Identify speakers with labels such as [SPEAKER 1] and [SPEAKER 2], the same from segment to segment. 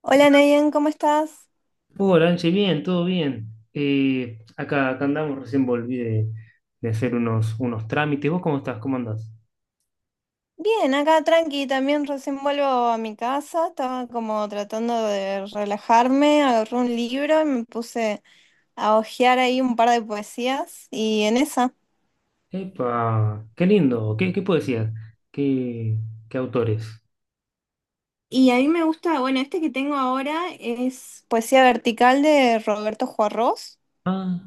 [SPEAKER 1] Hola Nayan, ¿cómo estás?
[SPEAKER 2] Hola, Anche, bien, todo bien. Acá andamos, recién volví de hacer unos trámites. ¿Vos cómo estás? ¿Cómo andás?
[SPEAKER 1] Bien, acá tranqui, también recién vuelvo a mi casa, estaba como tratando de relajarme, agarré un libro y me puse a hojear ahí un par de poesías y en esa.
[SPEAKER 2] Epa, qué lindo. ¿Qué poesía? ¿Qué, qué autores?
[SPEAKER 1] Y a mí me gusta, bueno, este que tengo ahora es Poesía Vertical de Roberto Juarroz,
[SPEAKER 2] Ah,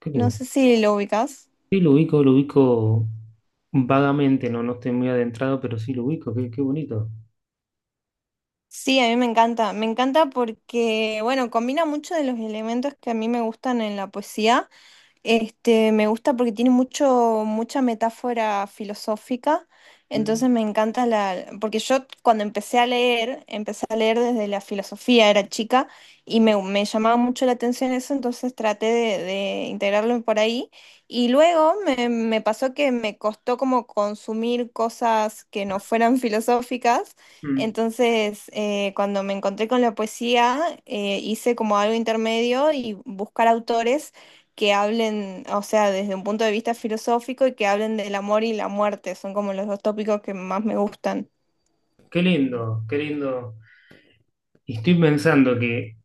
[SPEAKER 2] qué
[SPEAKER 1] no
[SPEAKER 2] lindo.
[SPEAKER 1] sé si lo ubicás.
[SPEAKER 2] Sí, lo ubico vagamente, no estoy muy adentrado, pero sí lo ubico, qué bonito.
[SPEAKER 1] Sí, a mí me encanta porque, bueno, combina mucho de los elementos que a mí me gustan en la poesía. Este, me gusta porque tiene mucho, mucha metáfora filosófica,
[SPEAKER 2] Mm,
[SPEAKER 1] entonces me encanta porque yo cuando empecé a leer desde la filosofía, era chica, y me llamaba mucho la atención eso, entonces traté de integrarlo por ahí, y luego me pasó que me costó como consumir cosas que no fueran filosóficas,
[SPEAKER 2] mm.
[SPEAKER 1] entonces cuando me encontré con la poesía, hice como algo intermedio y buscar autores que hablen, o sea, desde un punto de vista filosófico y que hablen del amor y la muerte. Son como los dos tópicos que más me gustan.
[SPEAKER 2] Qué lindo, qué lindo. Y estoy pensando que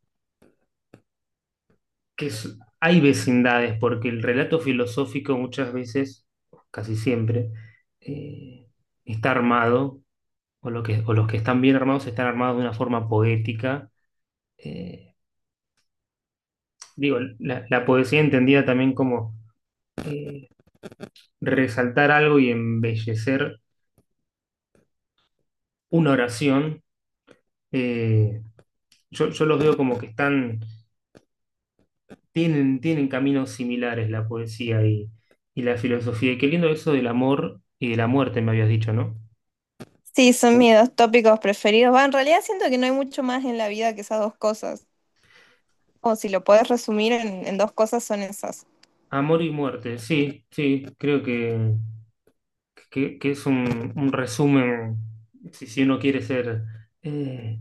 [SPEAKER 2] que es- hay vecindades, porque el relato filosófico muchas veces, casi siempre, eh, está armado, o los que están bien armados están armados de una forma poética. eh, Digo, la poesía entendida también como eh, resaltar algo y embellecer una oración. eh, yo los veo como que tienen caminos similares la poesía y la filosofía. Y qué lindo eso del amor y de la muerte, me habías dicho, ¿no?
[SPEAKER 1] Sí, son mis dos tópicos preferidos. Va, en realidad siento que no hay mucho más en la vida que esas dos cosas. O si lo puedes resumir en dos cosas, son esas.
[SPEAKER 2] Amor y muerte, sí, sí, creo que es un resumen, si uno quiere ser, eh,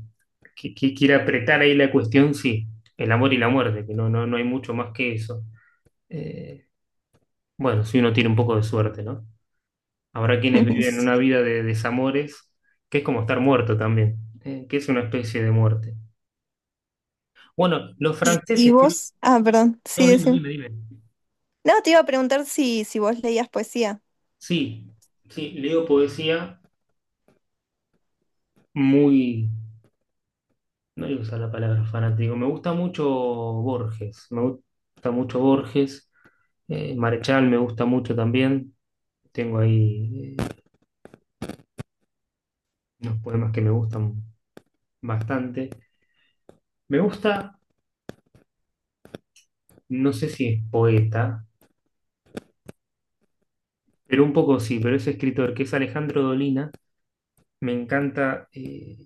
[SPEAKER 2] que quiere apretar ahí la cuestión, sí, el amor y la muerte, que no hay mucho más que eso. Eh, bueno, si uno tiene un poco de suerte, ¿no? Habrá quienes viven una vida de desamores, que es como estar muerto también, que es una especie de muerte. Bueno, los
[SPEAKER 1] ¿Y
[SPEAKER 2] franceses, creo.
[SPEAKER 1] vos? Ah, perdón, sí,
[SPEAKER 2] No, dime,
[SPEAKER 1] decime.
[SPEAKER 2] dime, dime.
[SPEAKER 1] No, te iba a preguntar si, vos leías poesía.
[SPEAKER 2] Sí, sí, leo poesía muy... No voy a usar la palabra fanático. Me gusta mucho Borges. Me gusta mucho Borges. Marechal me gusta mucho también. Tengo ahí unos poemas que me gustan bastante. Me gusta, no sé si es poeta, pero un poco sí, pero es escritor, que es Alejandro Dolina. Me encanta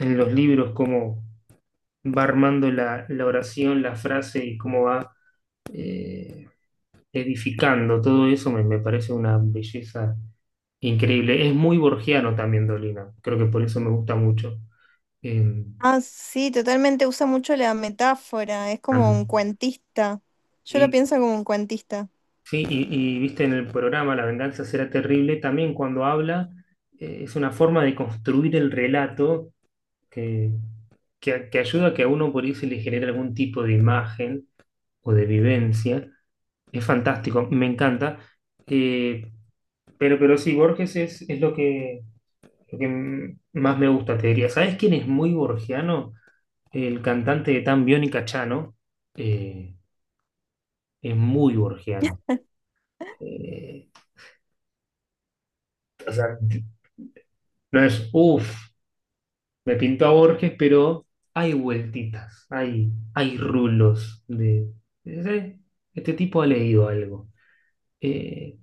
[SPEAKER 2] en los libros cómo va armando la oración, la frase y cómo va eh, edificando. Todo eso me parece una belleza increíble. Es muy borgiano también Dolina. Creo que por eso me gusta mucho. Eh,
[SPEAKER 1] Ah, sí, totalmente usa mucho la metáfora, es como un
[SPEAKER 2] También.
[SPEAKER 1] cuentista. Yo lo
[SPEAKER 2] Y,
[SPEAKER 1] pienso como un cuentista.
[SPEAKER 2] sí, y viste en el programa La venganza será terrible, también cuando habla, es una forma de construir el relato que, que ayuda a que a uno por ahí se le genere algún tipo de imagen o de vivencia. Es fantástico, me encanta. Eh, pero sí, Borges es lo que más me gusta, te diría. ¿Sabes quién es muy borgiano? El cantante de Tan Bión y Cachano eh, es muy borgiano. Eh, o sea, no es, uff, me pintó a Borges, pero hay vueltitas, hay rulos de- este tipo ha leído algo. Eh,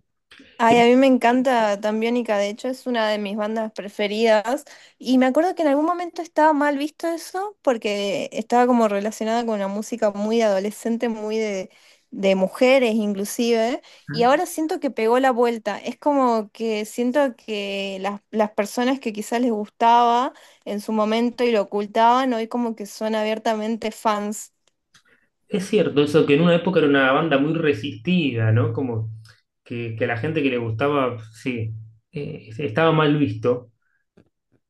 [SPEAKER 2] y-
[SPEAKER 1] Ay, a mí me encanta Tambiónica, de hecho es una de mis bandas preferidas y me acuerdo que en algún momento estaba mal visto eso porque estaba como relacionada con una música muy adolescente, muy de mujeres inclusive, y ahora siento que pegó la vuelta, es como que siento que las personas que quizás les gustaba en su momento y lo ocultaban, hoy como que son abiertamente fans.
[SPEAKER 2] es cierto, eso que en una época era una banda muy resistida, ¿no? Como que a la gente que le gustaba, sí, estaba mal visto.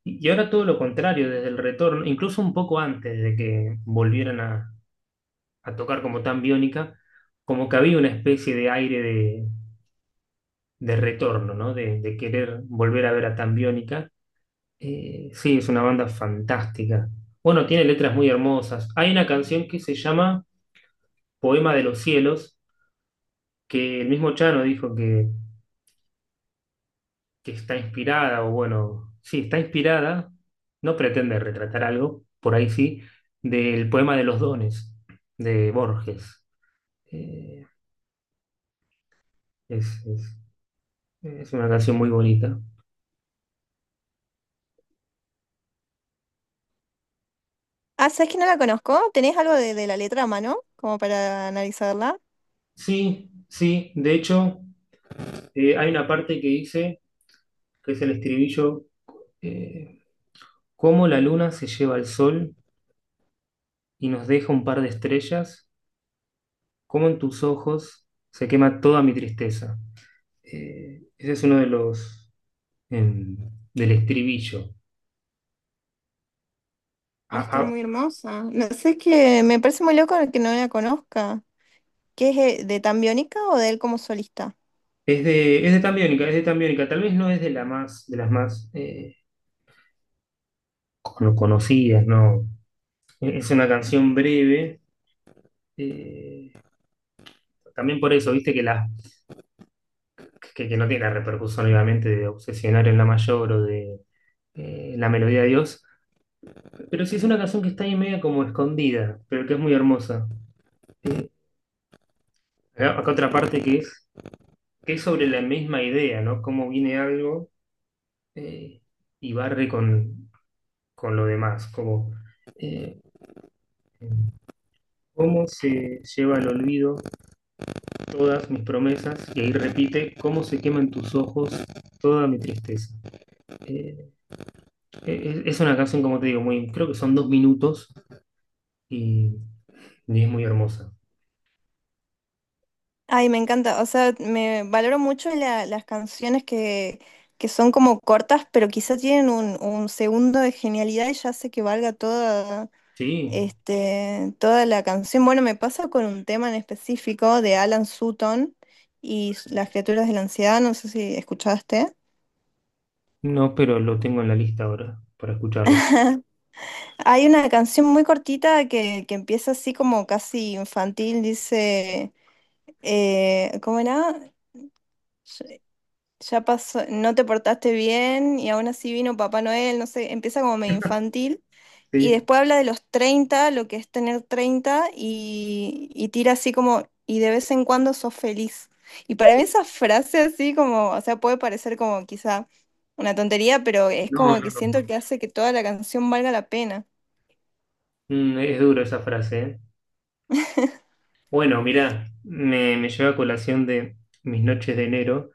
[SPEAKER 2] Y ahora todo lo contrario, desde el retorno, incluso un poco antes de que volvieran a tocar como Tan Biónica, como que había una especie de aire de retorno, ¿no? De querer volver a ver a Tan Biónica. Sí, es una banda fantástica. Bueno, tiene letras muy hermosas. Hay una canción que se llama Poema de los Cielos, que el mismo Chano dijo que está inspirada, o bueno, sí, está inspirada, no pretende retratar algo, por ahí sí, del poema de los dones de Borges. Eh, es, es- es una canción muy bonita.
[SPEAKER 1] Ah, ¿sabes que no la conozco? ¿Tenés algo de la letra a mano? Como para analizarla.
[SPEAKER 2] Sí, sí, de hecho, hay una parte que dice, que es el estribillo, eh, cómo la luna se lleva al sol y nos deja un par de estrellas, cómo en tus ojos se quema toda mi tristeza. Ese es uno de los en- del estribillo.
[SPEAKER 1] Ah,
[SPEAKER 2] A-
[SPEAKER 1] está
[SPEAKER 2] a-
[SPEAKER 1] muy hermosa. No sé, es que me parece muy loco que no la conozca. ¿Qué es de tan biónica o de él como solista?
[SPEAKER 2] es de Tambiónica, es de Tambiónica. Tal vez no es de las más conocidas, ¿no? Es una canción breve. eh, También por eso, viste, que no tiene la repercusión, obviamente, de Obsesionar en la mayor o de La melodía de Dios. Pero sí es una canción que está ahí media como escondida, pero que es muy hermosa. Eh, acá otra parte que es, sobre la misma idea, ¿no? Cómo viene algo eh, y barre con lo demás, como eh, cómo se lleva al olvido todas mis promesas, y ahí repite, cómo se queman tus ojos toda mi tristeza. Eh, es una canción, como te digo, muy, creo que son 2 minutos y, y es muy hermosa.
[SPEAKER 1] Ay, me encanta. O sea, me valoro mucho las canciones que son como cortas, pero quizás tienen un segundo de genialidad y ya hace que valga toda.
[SPEAKER 2] Sí,
[SPEAKER 1] Este, toda la canción, bueno, me pasa con un tema en específico de Alan Sutton y las criaturas de la ansiedad, no sé si escuchaste.
[SPEAKER 2] no, pero lo tengo en la lista ahora para escucharlo.
[SPEAKER 1] Hay una canción muy cortita que, empieza así como casi infantil, dice, ¿cómo era? Ya pasó, no te portaste bien y aún así vino Papá Noel, no sé, empieza como medio infantil. Y
[SPEAKER 2] Sí.
[SPEAKER 1] después habla de los 30 lo que es tener 30 y tira así como, y de vez en cuando sos feliz. Y para mí esa frase así como, o sea, puede parecer como quizá una tontería, pero es
[SPEAKER 2] No,
[SPEAKER 1] como que
[SPEAKER 2] no, no.
[SPEAKER 1] siento que hace que toda la canción valga la pena.
[SPEAKER 2] Mm, es duro esa frase, ¿eh? Bueno, mirá, me lleva a colación de Mis noches de enero,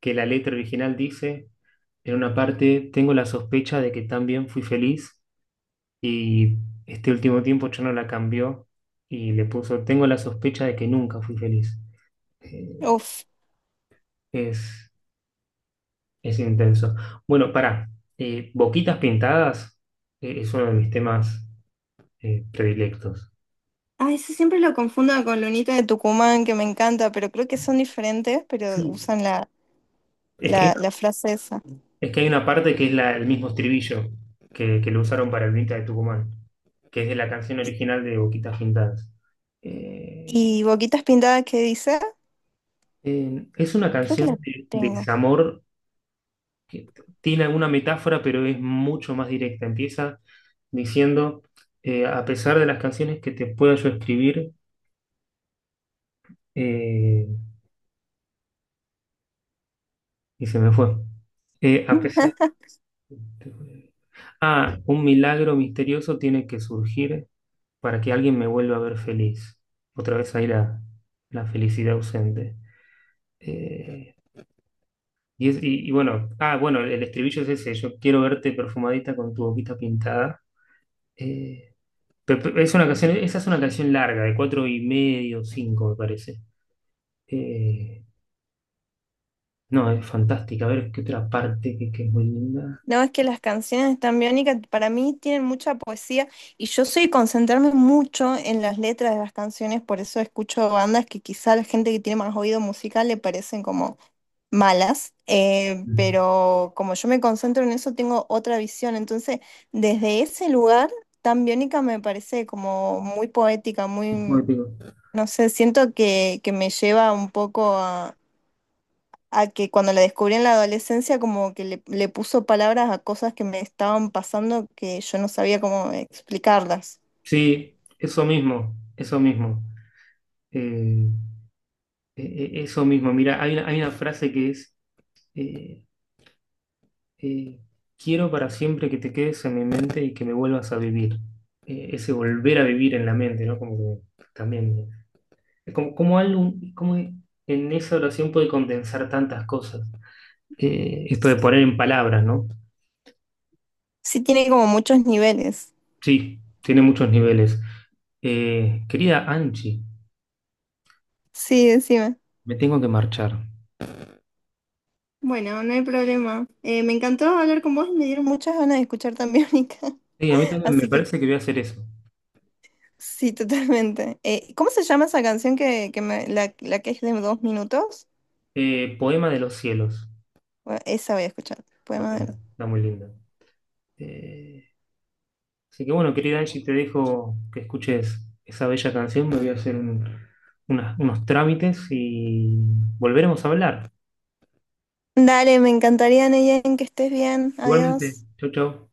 [SPEAKER 2] que la letra original dice, en una parte tengo la sospecha de que también fui feliz y este último tiempo yo no la cambió y le puso, tengo la sospecha de que nunca fui feliz. Eh,
[SPEAKER 1] Uf.
[SPEAKER 2] es, es intenso. Bueno, pará, Boquitas Pintadas es uno de mis temas predilectos.
[SPEAKER 1] Ah, eso siempre lo confundo con Lunita de Tucumán, que me encanta, pero creo que son diferentes, pero
[SPEAKER 2] Sí.
[SPEAKER 1] usan la,
[SPEAKER 2] Es que hay,
[SPEAKER 1] la, la frase esa.
[SPEAKER 2] es que hay una parte que es el mismo estribillo que lo usaron para el Vinta de Tucumán, que es de la canción original de Boquitas Pintadas. Eh,
[SPEAKER 1] Y Boquitas Pintadas, ¿qué dice?
[SPEAKER 2] Es una
[SPEAKER 1] Creo que
[SPEAKER 2] canción
[SPEAKER 1] la
[SPEAKER 2] de
[SPEAKER 1] tengo.
[SPEAKER 2] desamor que tiene alguna metáfora, pero es mucho más directa. Empieza diciendo, a pesar de las canciones que te pueda yo escribir, eh, y se me fue. A pesar. Ah, un milagro misterioso tiene que surgir para que alguien me vuelva a ver feliz. Otra vez ahí la felicidad ausente. Eh, bueno, el estribillo es ese, yo quiero verte perfumadita con tu boquita pintada. Eh, esa es una canción larga, de 4 y medio, 5, me parece. Eh, no, es fantástica. A ver, ¿qué otra parte que es muy linda?
[SPEAKER 1] No, es que las canciones están biónicas, para mí tienen mucha poesía y yo soy concentrarme mucho en las letras de las canciones, por eso escucho bandas que quizá a la gente que tiene más oído musical le parecen como malas,
[SPEAKER 2] Mm.
[SPEAKER 1] pero como yo me concentro en eso tengo otra visión, entonces desde ese lugar tan biónica me parece como muy poética,
[SPEAKER 2] Es muy
[SPEAKER 1] muy,
[SPEAKER 2] pico.
[SPEAKER 1] no sé, siento que, me lleva un poco a que cuando la descubrí en la adolescencia como que le puso palabras a cosas que me estaban pasando que yo no sabía cómo explicarlas.
[SPEAKER 2] Sí, eso mismo, eso mismo. Eh, e- Eso mismo. Mira, hay una frase que es, eh, eh, quiero para siempre que te quedes en mi mente y que me vuelvas a vivir. Ese volver a vivir en la mente, ¿no? Como que también, como algo, como en esa oración puede condensar tantas cosas. Esto de poner en palabras, ¿no?
[SPEAKER 1] Sí, tiene como muchos niveles.
[SPEAKER 2] Sí, tiene muchos niveles. Querida Angie,
[SPEAKER 1] Sí, decime.
[SPEAKER 2] me tengo que marchar.
[SPEAKER 1] Bueno, no hay problema. Me encantó hablar con vos y me dieron muchas ganas de escuchar también Mica.
[SPEAKER 2] Sí, a mí también me
[SPEAKER 1] Así que
[SPEAKER 2] parece que voy a hacer eso.
[SPEAKER 1] sí, totalmente. ¿Cómo se llama esa canción que la que es de 2 minutos?
[SPEAKER 2] Poema de los cielos.
[SPEAKER 1] Bueno, esa voy a escuchar. Poema
[SPEAKER 2] Escuchen,
[SPEAKER 1] de-
[SPEAKER 2] está muy lindo. Eh, Así que bueno, querida Angie, te dejo que escuches esa bella canción. Me voy a hacer unos trámites y volveremos a hablar.
[SPEAKER 1] Dale, me encantaría, Neyen, que estés bien.
[SPEAKER 2] Igualmente,
[SPEAKER 1] Adiós.
[SPEAKER 2] chau, chau.